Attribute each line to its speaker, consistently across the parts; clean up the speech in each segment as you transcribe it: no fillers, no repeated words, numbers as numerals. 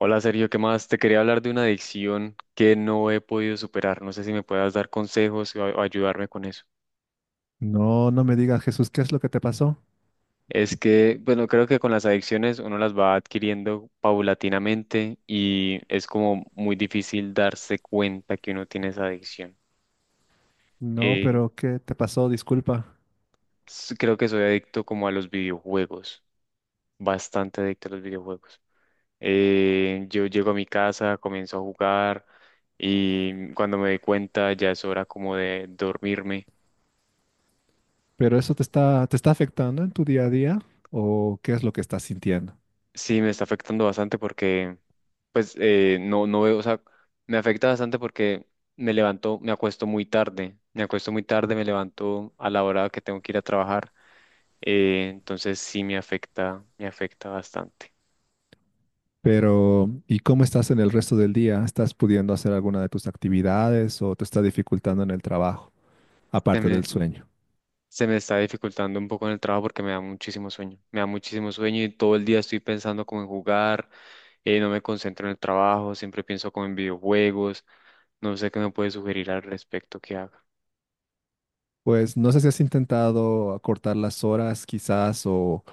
Speaker 1: Hola Sergio, ¿qué más? Te quería hablar de una adicción que no he podido superar. No sé si me puedas dar consejos o ayudarme con eso.
Speaker 2: No, no me digas, Jesús, ¿qué es lo que te pasó?
Speaker 1: Es que, bueno, creo que con las adicciones uno las va adquiriendo paulatinamente y es como muy difícil darse cuenta que uno tiene esa adicción.
Speaker 2: No,
Speaker 1: Eh,
Speaker 2: pero ¿qué te pasó? Disculpa.
Speaker 1: Creo que soy adicto como a los videojuegos, bastante adicto a los videojuegos. Yo llego a mi casa, comienzo a jugar y cuando me doy cuenta ya es hora como de dormirme.
Speaker 2: ¿Pero eso te está afectando en tu día a día? ¿O qué es lo que estás sintiendo?
Speaker 1: Sí, me está afectando bastante porque, pues, no, no veo, o sea, me afecta bastante porque me levanto, me acuesto muy tarde, me acuesto muy tarde, me levanto a la hora que tengo que ir a trabajar, entonces sí me afecta bastante.
Speaker 2: Pero, ¿y cómo estás en el resto del día? ¿Estás pudiendo hacer alguna de tus actividades o te está dificultando en el trabajo,
Speaker 1: Se
Speaker 2: aparte
Speaker 1: me,
Speaker 2: del sueño?
Speaker 1: se me está dificultando un poco en el trabajo porque me da muchísimo sueño, me da muchísimo sueño y todo el día estoy pensando como en jugar, no me concentro en el trabajo, siempre pienso como en videojuegos, no sé qué me puede sugerir al respecto que haga.
Speaker 2: Pues no sé si has intentado acortar las horas quizás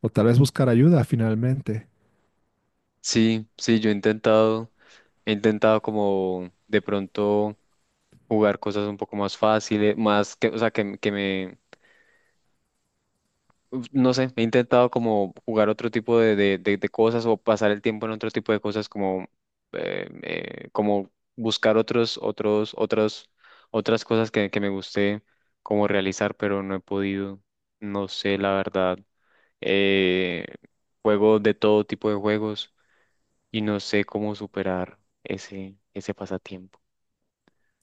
Speaker 2: o tal vez buscar ayuda finalmente.
Speaker 1: Sí, sí, yo he intentado como de pronto jugar cosas un poco más fáciles, más que, o sea, que me, uf, no sé, he intentado como jugar otro tipo de cosas o pasar el tiempo en otro tipo de cosas como, como buscar otras cosas que me guste como realizar, pero no he podido, no sé, la verdad. Eh, Juego de todo tipo de juegos y no sé cómo superar ese pasatiempo.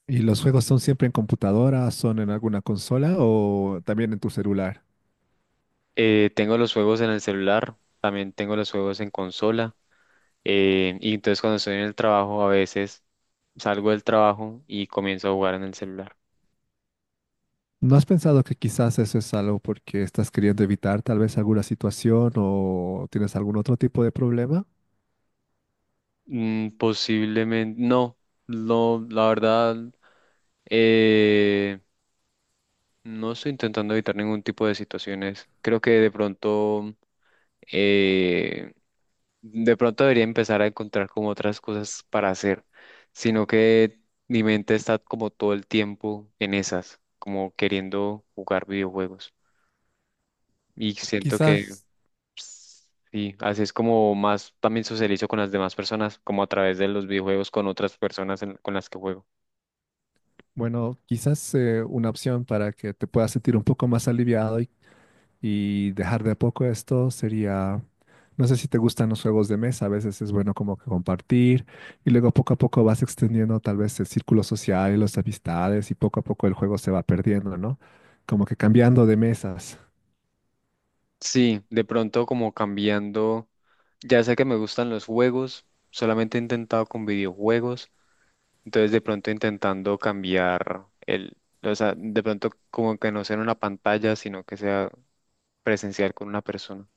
Speaker 2: ¿Y los juegos son siempre en computadora, son en alguna consola o también en tu celular?
Speaker 1: Tengo los juegos en el celular, también tengo los juegos en consola, y entonces cuando estoy en el trabajo a veces salgo del trabajo y comienzo a jugar en el celular.
Speaker 2: ¿No has pensado que quizás eso es algo porque estás queriendo evitar tal vez alguna situación o tienes algún otro tipo de problema?
Speaker 1: Posiblemente, no, no, la verdad, eh, no estoy intentando evitar ningún tipo de situaciones. Creo que eh, De pronto debería empezar a encontrar como otras cosas para hacer, sino que mi mente está como todo el tiempo en esas, como queriendo jugar videojuegos. Y siento que
Speaker 2: Quizás,
Speaker 1: sí, así es como más también socializo con las demás personas, como a través de los videojuegos con otras personas con las que juego.
Speaker 2: bueno, quizás una opción para que te puedas sentir un poco más aliviado y dejar de a poco esto sería, no sé si te gustan los juegos de mesa, a veces es bueno como que compartir y luego poco a poco vas extendiendo tal vez el círculo social y las amistades y poco a poco el juego se va perdiendo, ¿no? Como que cambiando de mesas.
Speaker 1: Sí, de pronto como cambiando, ya sé que me gustan los juegos, solamente he intentado con videojuegos. Entonces, de pronto intentando cambiar el, o sea, de pronto como que no sea en una pantalla, sino que sea presencial con una persona,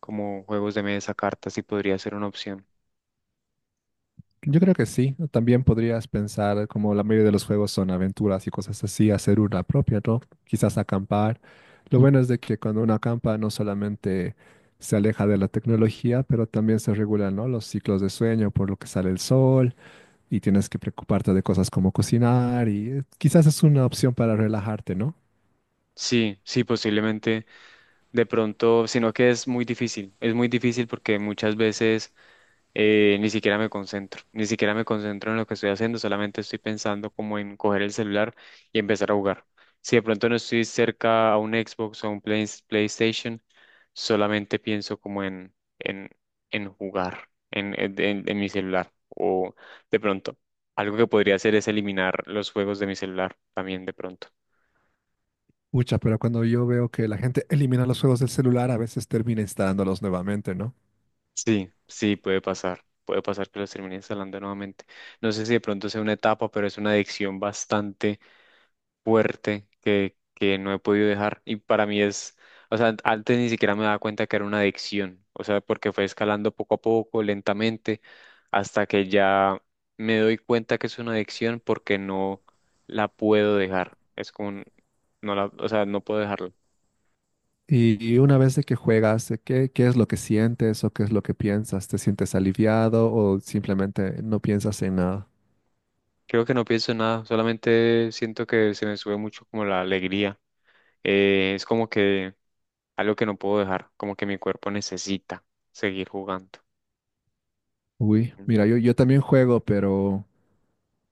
Speaker 1: como juegos de mesa, cartas, sí podría ser una opción.
Speaker 2: Yo creo que sí. También podrías pensar, como la mayoría de los juegos son aventuras y cosas así, hacer una propia, ¿no? Quizás acampar. Lo bueno es de que cuando uno acampa no solamente se aleja de la tecnología, pero también se regulan, ¿no? Los ciclos de sueño por lo que sale el sol y tienes que preocuparte de cosas como cocinar y quizás es una opción para relajarte, ¿no?
Speaker 1: Sí, sí, posiblemente de pronto, sino que es muy difícil porque muchas veces ni siquiera me concentro, ni siquiera me concentro en lo que estoy haciendo, solamente estoy pensando como en coger el celular y empezar a jugar. Si de pronto no estoy cerca a un Xbox o a un PlayStation, solamente pienso como en jugar en mi celular. O de pronto, algo que podría hacer es eliminar los juegos de mi celular también de pronto.
Speaker 2: Mucha, pero cuando yo veo que la gente elimina los juegos del celular, a veces termina instalándolos nuevamente, ¿no?
Speaker 1: Sí, sí, puede pasar. Puede pasar que los termine instalando nuevamente. No sé si de pronto sea una etapa, pero es una adicción bastante fuerte que no he podido dejar. Y para mí es, o sea, antes ni siquiera me daba cuenta que era una adicción, o sea, porque fue escalando poco a poco, lentamente, hasta que ya me doy cuenta que es una adicción porque no la puedo dejar. Es como, no la, o sea, no puedo dejarlo.
Speaker 2: Y una vez de que juegas, ¿qué, qué es lo que sientes o qué es lo que piensas? ¿Te sientes aliviado o simplemente no piensas en nada?
Speaker 1: Creo que no pienso en nada, solamente siento que se me sube mucho como la alegría. Es como que algo que no puedo dejar, como que mi cuerpo necesita seguir jugando.
Speaker 2: Uy, mira, yo también juego, pero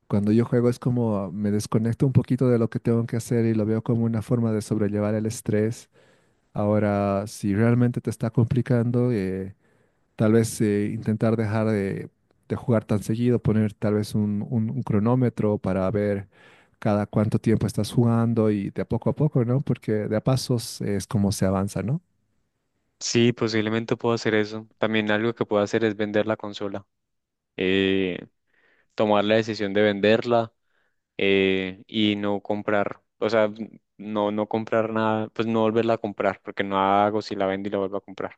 Speaker 2: cuando yo juego es como ah, me desconecto un poquito de lo que tengo que hacer y lo veo como una forma de sobrellevar el estrés. Ahora, si realmente te está complicando, tal vez intentar dejar de jugar tan seguido, poner tal vez un, un cronómetro para ver cada cuánto tiempo estás jugando y de a poco, ¿no? Porque de a pasos es como se avanza, ¿no?
Speaker 1: Sí, posiblemente puedo hacer eso. También algo que puedo hacer es vender la consola. Eh, Tomar la decisión de venderla y no comprar. O sea, no, no comprar nada, pues no volverla a comprar, porque no hago si la vendo y la vuelvo a comprar.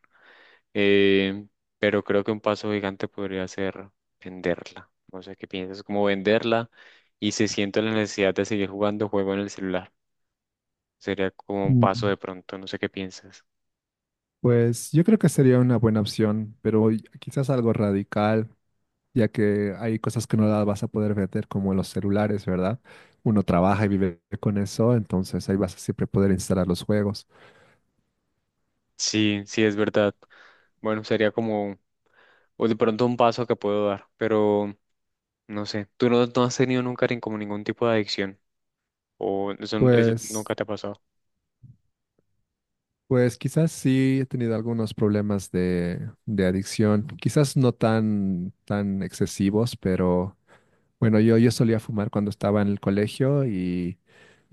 Speaker 1: Eh, pero creo que un paso gigante podría ser venderla. No sé qué piensas, como venderla y si siento la necesidad de seguir jugando juego en el celular. Sería como un paso
Speaker 2: Mm.
Speaker 1: de pronto, no sé qué piensas.
Speaker 2: Pues yo creo que sería una buena opción, pero quizás algo radical, ya que hay cosas que no las vas a poder vender, como los celulares, ¿verdad? Uno trabaja y vive con eso, entonces ahí vas a siempre poder instalar los juegos.
Speaker 1: Sí, sí, es verdad. Bueno, sería como o de pronto un paso que puedo dar, pero no sé, tú no has tenido nunca como ningún tipo de adicción o eso
Speaker 2: Pues,
Speaker 1: nunca te ha pasado.
Speaker 2: pues quizás sí he tenido algunos problemas de adicción, quizás no tan, tan excesivos, pero bueno, yo solía fumar cuando estaba en el colegio y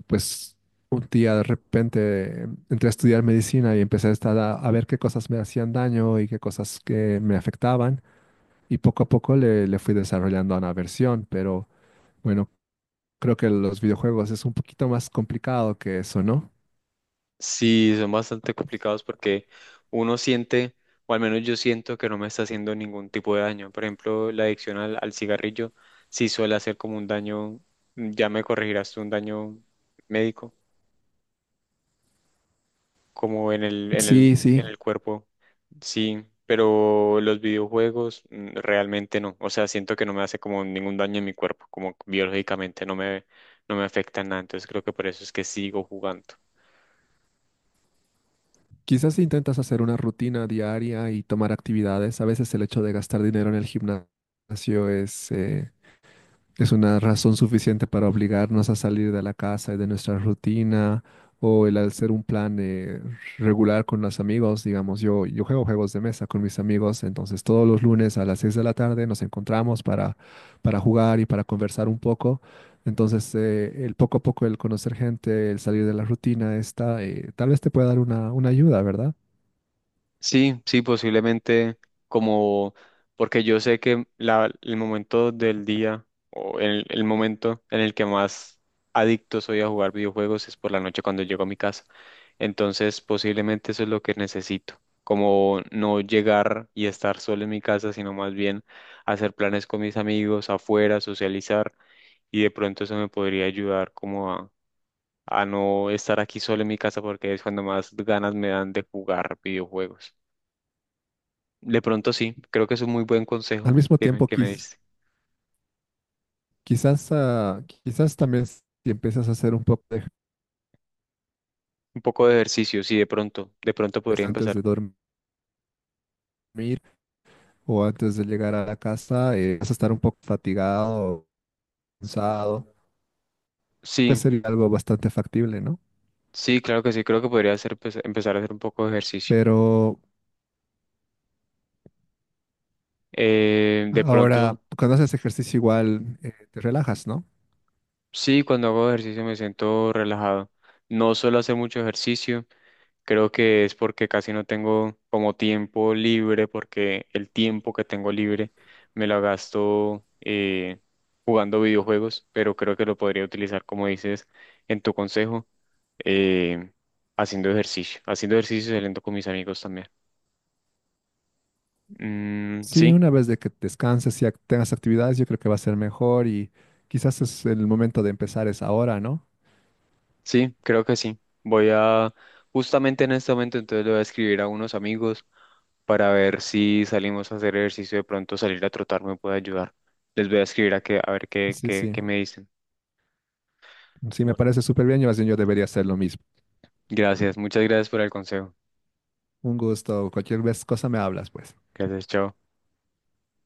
Speaker 2: pues un día de repente entré a estudiar medicina y empecé a estar a ver qué cosas me hacían daño y qué cosas que me afectaban y poco a poco le, le fui desarrollando una versión, pero bueno, creo que los videojuegos es un poquito más complicado que eso, ¿no?
Speaker 1: Sí, son bastante complicados porque uno siente, o al menos yo siento que no me está haciendo ningún tipo de daño. Por ejemplo, la adicción al cigarrillo sí suele hacer como un daño, ya me corregirás tú, un daño médico como en el, en el,
Speaker 2: Sí, sí.
Speaker 1: en el cuerpo, sí, pero los videojuegos realmente no, o sea, siento que no me hace como ningún daño en mi cuerpo, como biológicamente no me afecta en nada, entonces creo que por eso es que sigo jugando.
Speaker 2: Quizás si intentas hacer una rutina diaria y tomar actividades, a veces el hecho de gastar dinero en el gimnasio es, es una razón suficiente para obligarnos a salir de la casa y de nuestra rutina o el hacer un plan regular con los amigos. Digamos, yo juego juegos de mesa con mis amigos, entonces todos los lunes a las 6 de la tarde nos encontramos para jugar y para conversar un poco. Entonces, el poco a poco, el conocer gente, el salir de la rutina, esta, tal vez te pueda dar una ayuda, ¿verdad?
Speaker 1: Sí, sí, posiblemente como, porque yo sé que el momento del día o el momento en el que más adicto soy a jugar videojuegos es por la noche cuando llego a mi casa. Entonces, posiblemente eso es lo que necesito, como no llegar y estar solo en mi casa, sino más bien hacer planes con mis amigos afuera, socializar y de pronto eso me podría ayudar como a no estar aquí solo en mi casa porque es cuando más ganas me dan de jugar videojuegos. De pronto sí, creo que es un muy buen
Speaker 2: Al
Speaker 1: consejo
Speaker 2: mismo
Speaker 1: que me,
Speaker 2: tiempo,
Speaker 1: que me diste.
Speaker 2: quizás, ah, quizás también si empiezas a hacer un poco de
Speaker 1: Un poco de ejercicio, sí, de pronto podría
Speaker 2: ejercicio antes de
Speaker 1: empezar.
Speaker 2: dormir, o antes de llegar a la casa, vas a estar un poco fatigado, cansado, pues
Speaker 1: Sí,
Speaker 2: sería algo bastante factible, ¿no?
Speaker 1: sí, claro que sí, creo que podría hacer, pues, empezar a hacer un poco de ejercicio.
Speaker 2: Pero
Speaker 1: De pronto,
Speaker 2: ahora, cuando haces ejercicio igual, te relajas, ¿no?
Speaker 1: sí, cuando hago ejercicio me siento relajado. No suelo hacer mucho ejercicio. Creo que es porque casi no tengo como tiempo libre, porque el tiempo que tengo libre me lo gasto jugando videojuegos, pero creo que lo podría utilizar, como dices, en tu consejo, eh, haciendo ejercicio y saliendo con mis amigos también. Mm,
Speaker 2: Sí,
Speaker 1: sí,
Speaker 2: una vez de que descanses y tengas actividades, yo creo que va a ser mejor y quizás es el momento de empezar es ahora, ¿no?
Speaker 1: sí, creo que sí. Voy a, justamente en este momento, entonces le voy a escribir a unos amigos para ver si salimos a hacer ejercicio, de pronto salir a trotar me puede ayudar. Les voy a escribir a, que, a ver qué,
Speaker 2: Sí,
Speaker 1: qué,
Speaker 2: sí,
Speaker 1: qué me dicen.
Speaker 2: sí, me
Speaker 1: Bueno.
Speaker 2: parece súper bien y más bien yo debería hacer lo mismo.
Speaker 1: Gracias, muchas gracias por el consejo.
Speaker 2: Un gusto, cualquier vez cosa me hablas, pues.
Speaker 1: Gracias, chao.